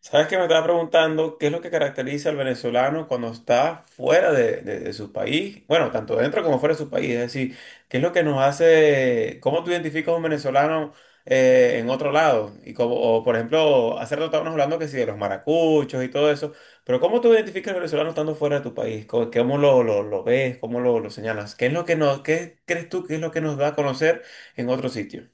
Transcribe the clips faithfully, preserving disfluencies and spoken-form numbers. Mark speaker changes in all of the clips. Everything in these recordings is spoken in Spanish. Speaker 1: ¿Sabes que me estaba preguntando qué es lo que caracteriza al venezolano cuando está fuera de, de- de su país? Bueno, tanto dentro como fuera de su país. Es decir, ¿qué es lo que nos hace, cómo tú identificas a un venezolano eh, en otro lado? Y como, o, por ejemplo, hace rato estábamos hablando que sí, de los maracuchos y todo eso, pero ¿cómo tú identificas al venezolano estando fuera de tu país? ¿Cómo, cómo lo, lo- lo ves? ¿Cómo lo, lo señalas? ¿Qué es lo que nos, ¿qué crees tú que es lo que nos da a conocer en otro sitio?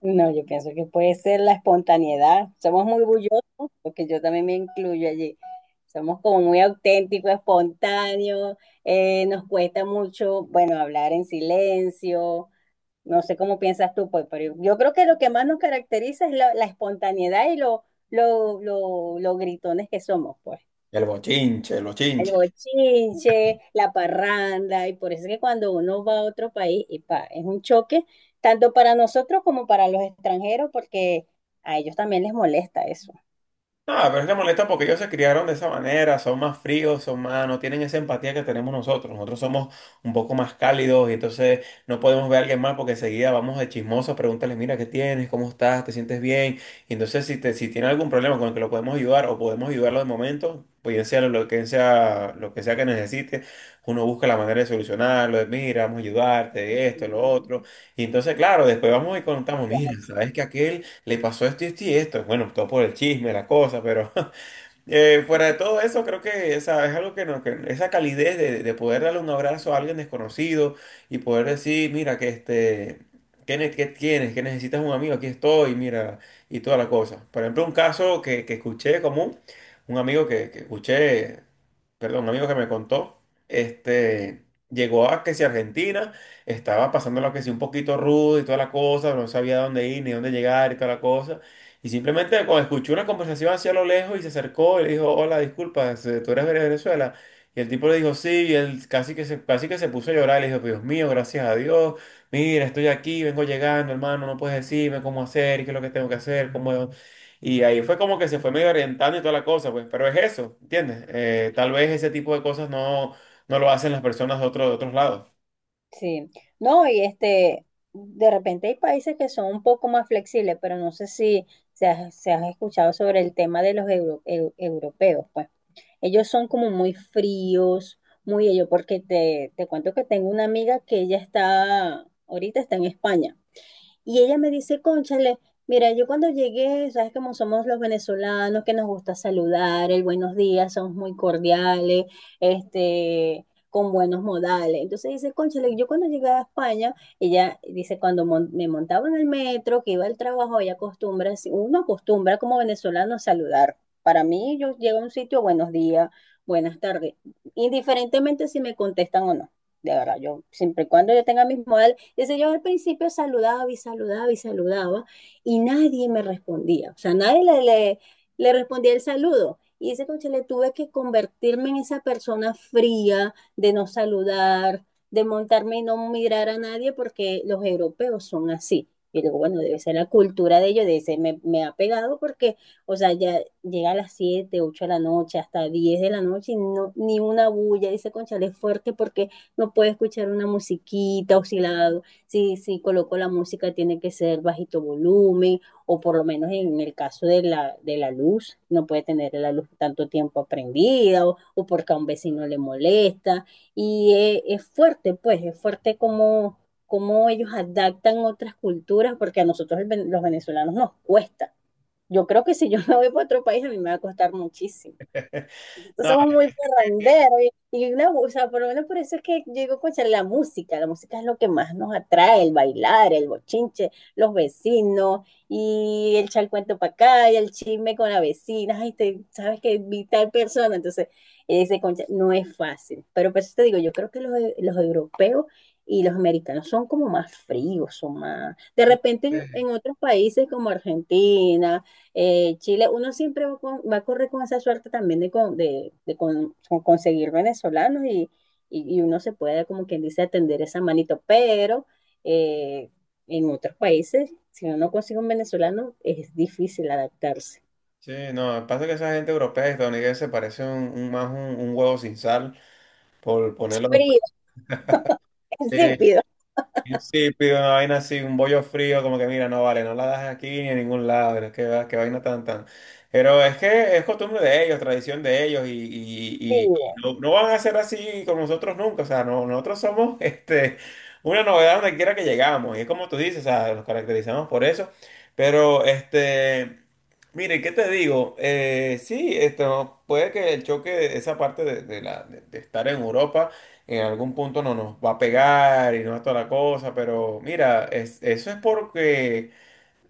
Speaker 2: No, yo pienso que puede ser la espontaneidad. Somos muy bullosos, porque yo también me incluyo allí. Somos como muy auténticos, espontáneos, eh, nos cuesta mucho, bueno, hablar en silencio. No sé cómo piensas tú, pues, pero yo creo que lo que más nos caracteriza es la, la espontaneidad y lo, lo, lo, lo gritones que somos, pues.
Speaker 1: El bochinche, el
Speaker 2: El
Speaker 1: bochinche.
Speaker 2: bochinche, la parranda, y por eso es que cuando uno va a otro país, y pa, es un choque, tanto para nosotros como para los extranjeros, porque a ellos también les molesta eso.
Speaker 1: Ah, pero es que molesta porque ellos se criaron de esa manera, son más fríos, son más, no tienen esa empatía que tenemos nosotros. Nosotros somos un poco más cálidos y entonces no podemos ver a alguien más porque enseguida vamos de chismosos, pregúntales, mira, ¿qué tienes? ¿Cómo estás? ¿Te sientes bien? Y entonces si, te, si tiene algún problema con el que lo podemos ayudar o podemos ayudarlo de momento, pues bien sea lo que sea, lo que sea que necesite, uno busca la manera de solucionarlo, de mira, vamos a ayudarte, esto, lo otro. Y entonces, claro, después vamos y contamos, mira, ¿sabes que aquel le pasó esto y esto y esto? Bueno, todo por el chisme, la cosa, pero eh, fuera de todo eso, creo que esa, es algo que, no, que esa calidez de, de poder darle un abrazo a alguien desconocido y poder decir, mira, que este, ¿qué, ne- ¿qué tienes? ¿Qué necesitas un amigo? Aquí estoy, mira, y toda la cosa. Por ejemplo, un caso que, que escuché común, un amigo que, que escuché, perdón, un amigo que me contó, este... Llegó a que si Argentina estaba pasando lo que si un poquito rudo y toda la cosa, no sabía dónde ir ni dónde llegar y toda la cosa. Y simplemente cuando escuchó una conversación hacia lo lejos y se acercó y le dijo, hola, disculpas, eh, tú eres de Venezuela. Y el tipo le dijo, sí, y él casi que se, casi que se puso a llorar. Le dijo, Dios mío, gracias a Dios, mira, estoy aquí, vengo llegando, hermano, no puedes decirme cómo hacer, qué es lo que tengo que hacer, cómo... Y ahí fue como que se fue medio orientando y toda la cosa, pues, pero es eso, ¿entiendes? Eh, tal vez ese tipo de cosas no, no lo hacen las personas de, otro, de otros lados.
Speaker 2: Sí, no, y este, de repente hay países que son un poco más flexibles, pero no sé si se ha, se ha escuchado sobre el tema de los euro- eu- europeos, pues. Ellos son como muy fríos, muy ellos, porque te, te cuento que tengo una amiga que ella está, ahorita está en España. Y ella me dice, cónchale, mira, yo cuando llegué, sabes cómo somos los venezolanos, que nos gusta saludar, el buenos días, somos muy cordiales, este, con buenos modales. Entonces dice, cónchale, yo cuando llegué a España, ella dice, cuando mon- me montaba en el metro, que iba al trabajo, ella acostumbra, si- uno acostumbra como venezolano a saludar. Para mí, yo llego a un sitio, buenos días, buenas tardes, indiferentemente si me contestan o no. De verdad, yo siempre y cuando yo tenga mis modales entonces yo al principio saludaba y saludaba y saludaba y nadie me respondía, o sea, nadie le, le, le respondía el saludo. Y dice coche le tuve que convertirme en esa persona fría de no saludar, de montarme y no mirar a nadie porque los europeos son así. Y digo, bueno, debe ser la cultura de ellos, de ese me, me, ha pegado porque, o sea, ya llega a las siete ocho de la noche, hasta diez de la noche y no, ni una bulla, dice Conchale, es fuerte porque no puede escuchar una musiquita, oscilado, si, si coloco la música tiene que ser bajito volumen o por lo menos en el caso de la, de la luz, no puede tener la luz tanto tiempo prendida o, o porque a un vecino le molesta. Y es, es fuerte, pues, es fuerte como, como ellos adaptan otras culturas porque a nosotros el, ven- los venezolanos nos cuesta. Yo creo que si yo me voy para otro país a mí me va a costar muchísimo nosotros
Speaker 1: No,
Speaker 2: somos muy parranderos y, y una, o sea, por lo menos por eso es que yo digo, concha, la música, la música es lo que más nos atrae, el bailar, el bochinche, los vecinos y el charcuento para acá y el chisme con la vecina, ay, te, sabes que vi tal persona, entonces ese concha no es fácil, pero por eso te digo, yo creo que los, e- los europeos y los americanos son como más fríos, son más... De
Speaker 1: eso
Speaker 2: repente yo-
Speaker 1: es-
Speaker 2: en otros países como Argentina, eh, Chile, uno siempre va, con- va a correr con esa suerte también de, con- de, de con- con conseguir venezolanos y, y- y uno se puede, como quien dice, atender esa manito, pero eh, en otros países, si uno no consigue un venezolano, es difícil adaptarse.
Speaker 1: sí, no, pasa que esa gente europea y estadounidense parece un, un- más un un huevo sin sal. Por ponerlo
Speaker 2: Frío,
Speaker 1: de
Speaker 2: insípido,
Speaker 1: sí, sí, pido una vaina así, un bollo frío, como que mira, no vale, no la das aquí ni en ningún lado, que qué, va- qué vaina tan tan. Pero es que es costumbre de ellos, tradición de ellos, y, y- y- y
Speaker 2: frío.
Speaker 1: no, no van a ser así con nosotros nunca. O sea, no, nosotros somos este, una novedad donde quiera que llegamos. Y es como tú dices, o sea, nos caracterizamos por eso. Pero este. Mire, ¿qué te digo? Eh, sí, esto puede que el choque, esa parte de, de la, de de estar en Europa en algún punto no nos va a pegar y no es toda la cosa, pero mira, es- eso es porque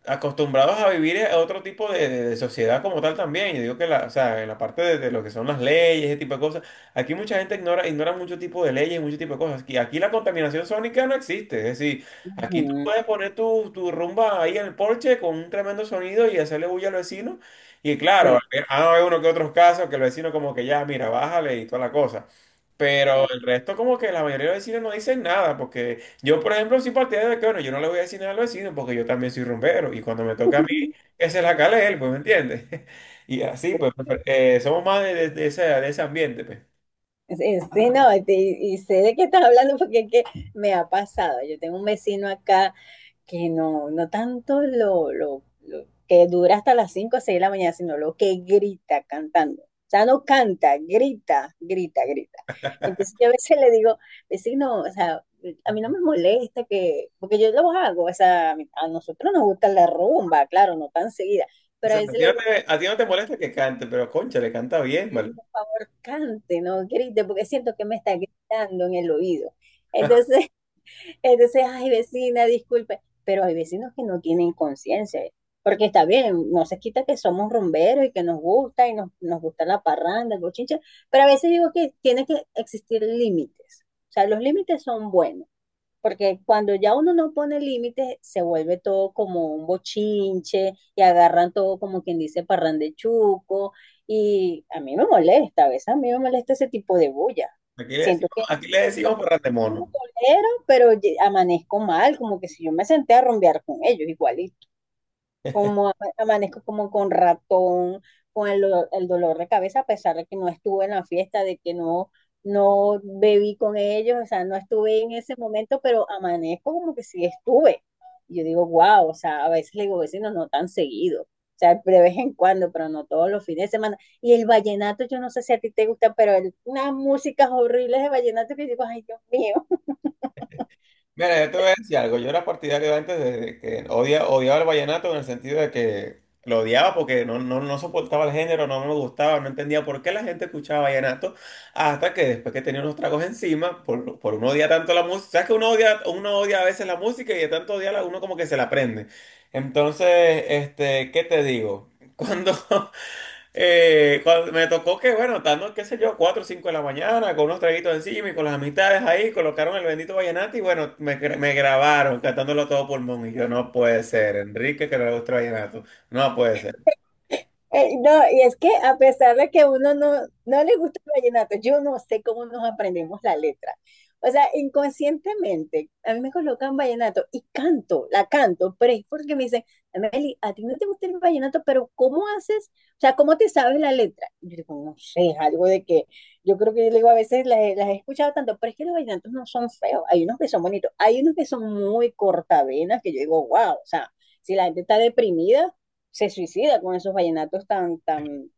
Speaker 1: acostumbrados a vivir a otro tipo de, de- de sociedad como tal también. Yo digo que la, o sea, en la parte de, de lo que son las leyes, ese tipo de cosas, aquí mucha gente ignora, ignora mucho tipo de leyes, mucho tipo de cosas. Aquí, aquí la contaminación sónica no existe. Es decir, aquí tú
Speaker 2: Ujú.
Speaker 1: puedes poner tu, tu rumba ahí en el porche con un tremendo sonido y hacerle bulla al vecino. Y claro,
Speaker 2: Sí,
Speaker 1: ah hay uno que otros casos que el vecino como que ya, mira, bájale y toda la cosa. Pero
Speaker 2: sí.
Speaker 1: el resto como que la mayoría de los vecinos no dicen nada porque... Yo, por ejemplo, soy partidario de que, bueno, yo no le voy a decir nada al vecino porque yo también soy rumbero y cuando me toca a mí, que se la cale él, pues, ¿me entiendes? Y así, pues, prefer- eh, somos más de, de- de ese, de ese ambiente, pues.
Speaker 2: Sí, sí, no, y, y sé de qué estás hablando porque es que me ha pasado. Yo tengo un vecino acá que no, no tanto lo, lo, lo que dura hasta las cinco o seis de la mañana, sino lo que grita cantando. O sea, no canta, grita, grita, grita. Entonces yo a veces le digo, vecino, o sea, a mí no me molesta que, porque yo lo hago, o sea, a, mí- a nosotros nos gusta la rumba, claro, no tan seguida,
Speaker 1: O
Speaker 2: pero a
Speaker 1: sea, a
Speaker 2: veces
Speaker 1: ti
Speaker 2: le
Speaker 1: no
Speaker 2: digo,
Speaker 1: te, a ti no te molesta que cante, pero concha, le canta bien,
Speaker 2: "Miguel,
Speaker 1: ¿vale?
Speaker 2: por favor, cante, no grite, porque siento que me está gritando en el oído". Entonces, Entonces, ay, vecina, disculpe, pero hay vecinos que no tienen conciencia, porque está bien, no se quita que somos rumberos y que nos gusta y nos, nos gusta la parranda, el bochinche, pero a veces digo que tiene que existir límites. O sea, los límites son buenos, porque cuando ya uno no pone límites, se vuelve todo como un bochinche y agarran todo como quien dice parrandechuco. Y a mí me molesta, a veces a mí me molesta ese tipo de bulla.
Speaker 1: Aquí le
Speaker 2: Siento
Speaker 1: decimos, aquí le decimos
Speaker 2: yo no
Speaker 1: parrandemono.
Speaker 2: tolero, pero ye- amanezco mal, como que si yo me senté a rumbear con ellos, igualito. Como ama- amanezco como con ratón, con el, do- el dolor de cabeza, a pesar de que no estuve en la fiesta, de que no, no bebí con ellos, o sea, no estuve en ese momento, pero amanezco como que sí estuve. Y yo digo, wow, o sea, a veces le digo, vecinos, no no tan seguido. O sea, de vez en cuando, pero no todos los fines de semana. Y el vallenato, yo no sé si a ti te gusta, pero el- unas músicas horribles de vallenato que digo, ay, Dios mío.
Speaker 1: Mira, yo te voy a decir algo. Yo era partidario antes de que odia, odiaba el vallenato en el sentido de que lo odiaba porque no, no, no soportaba el género, no me gustaba, no entendía por qué la gente escuchaba vallenato. Hasta que después que tenía unos tragos encima, por, por uno odia tanto la música. ¿Sabes que uno odia, uno odia a veces la música y de tanto odiarla uno como que se la aprende? Entonces, este, ¿qué te digo? Cuando, Eh, cuando me tocó que, bueno, estando, qué sé yo, cuatro o cinco de la mañana, con unos traguitos encima y con las amistades ahí, colocaron el bendito vallenato y bueno, me, gra- me grabaron cantándolo a todo pulmón. Y yo, no puede ser, Enrique que le gusta el vallenato, no puede ser.
Speaker 2: Eh, no, y es que a pesar de que uno no, no le gusta el vallenato, yo no sé cómo nos aprendemos la letra. O sea, inconscientemente, a mí me colocan vallenato y canto, la canto, pero es porque me dicen, Meli, a ti no te gusta el vallenato, pero ¿cómo haces? O sea, ¿cómo te sabes la letra? Y yo digo, no sé, es algo de que yo creo que yo le digo, a veces las, he las he escuchado tanto, pero es que los vallenatos no son feos, hay unos que son bonitos, hay unos que son muy cortavenas, que yo digo, wow, o sea, si la gente está deprimida se suicida con esos vallenatos tan, tan,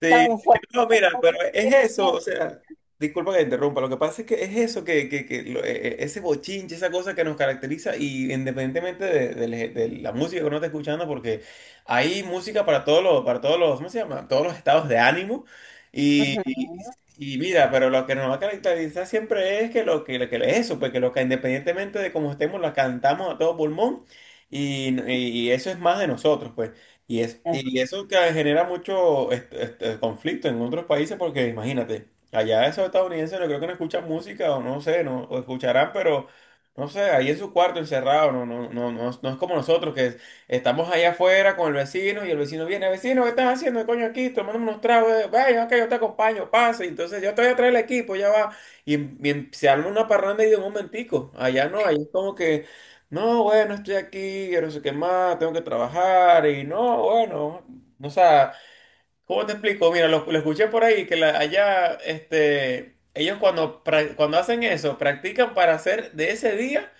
Speaker 1: Sí,
Speaker 2: tan fuertes.
Speaker 1: no,
Speaker 2: Tan
Speaker 1: mira, pero
Speaker 2: fuertes,
Speaker 1: es eso, o
Speaker 2: deprimente.
Speaker 1: sea, disculpa que te interrumpa, lo que pasa es que es eso, que, que, que lo- e- e- ese bochinche, esa cosa que nos caracteriza y independientemente de, de la de la música que uno esté escuchando, porque hay música para todos los, para todos los, ¿cómo se llama? Todos los estados de ánimo y,
Speaker 2: Ujú.
Speaker 1: y, y mira, pero lo que nos va a caracterizar siempre es que lo que, lo que es eso, porque lo que independientemente de cómo estemos, la cantamos a todo pulmón y, y y eso es más de nosotros, pues. Y, es, y eso que genera mucho este, este, conflicto en otros países porque imagínate, allá esos estadounidenses no creo que no escuchan música o no sé, no o escucharán, pero no sé, ahí en su cuarto encerrado, no, no, no, no, es no es como nosotros que es- estamos allá afuera con el vecino y el vecino viene, vecino, ¿qué estás haciendo, coño, aquí tomando unos tragos? Eh, Vaya, ok, yo te acompaño, pase, entonces yo te voy a traer el equipo, ya va. Y, y se arma una parranda y de un momentico, allá no, ahí es como que... No, bueno, estoy aquí, quiero no sé qué más, tengo que trabajar y no, bueno, o sea, ¿cómo te explico? Mira, lo, lo escuché por ahí que la- allá, este, ellos cuando, pra- cuando hacen eso, practican para hacer de ese día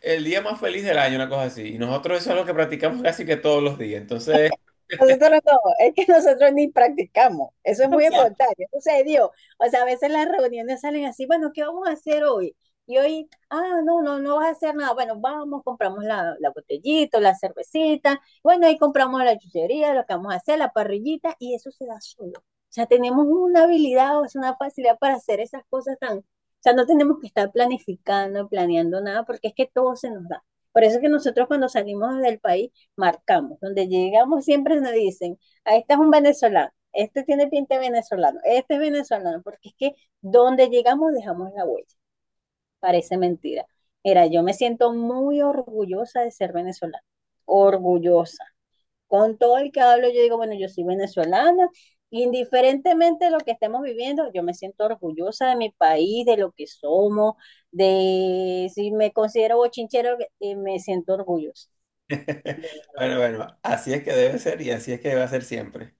Speaker 1: el día más feliz del año, una cosa así. Y nosotros eso es lo que practicamos casi que todos los días. Entonces,
Speaker 2: Nosotros no, es que nosotros ni practicamos, eso es muy espontáneo, eso se dio. O sea, a veces las reuniones salen así, bueno, ¿qué vamos a hacer hoy? Y hoy, ah, no, no, no vas a hacer nada. Bueno, vamos, compramos la, la botellita, la cervecita, bueno, ahí compramos la chuchería, lo que vamos a hacer, la parrillita, y eso se da solo. O sea, tenemos una habilidad, o sea, una facilidad para hacer esas cosas tan, o sea, no tenemos que estar planificando, planeando nada, porque es que todo se nos da. Por eso es que nosotros cuando salimos del país, marcamos. Donde llegamos siempre nos dicen, ah, este es un venezolano, este tiene pinta de venezolano, este es venezolano, porque es que donde llegamos dejamos la huella. Parece mentira. Mira, yo me siento muy orgullosa de ser venezolana, orgullosa. Con todo el que hablo, yo digo, bueno, yo soy venezolana, indiferentemente de lo que estemos viviendo, yo me siento orgullosa de mi país, de lo que somos, de si me considero bochinchero, eh, me siento orgullosa.
Speaker 1: bueno, bueno, así es que debe ser y así es que debe ser siempre.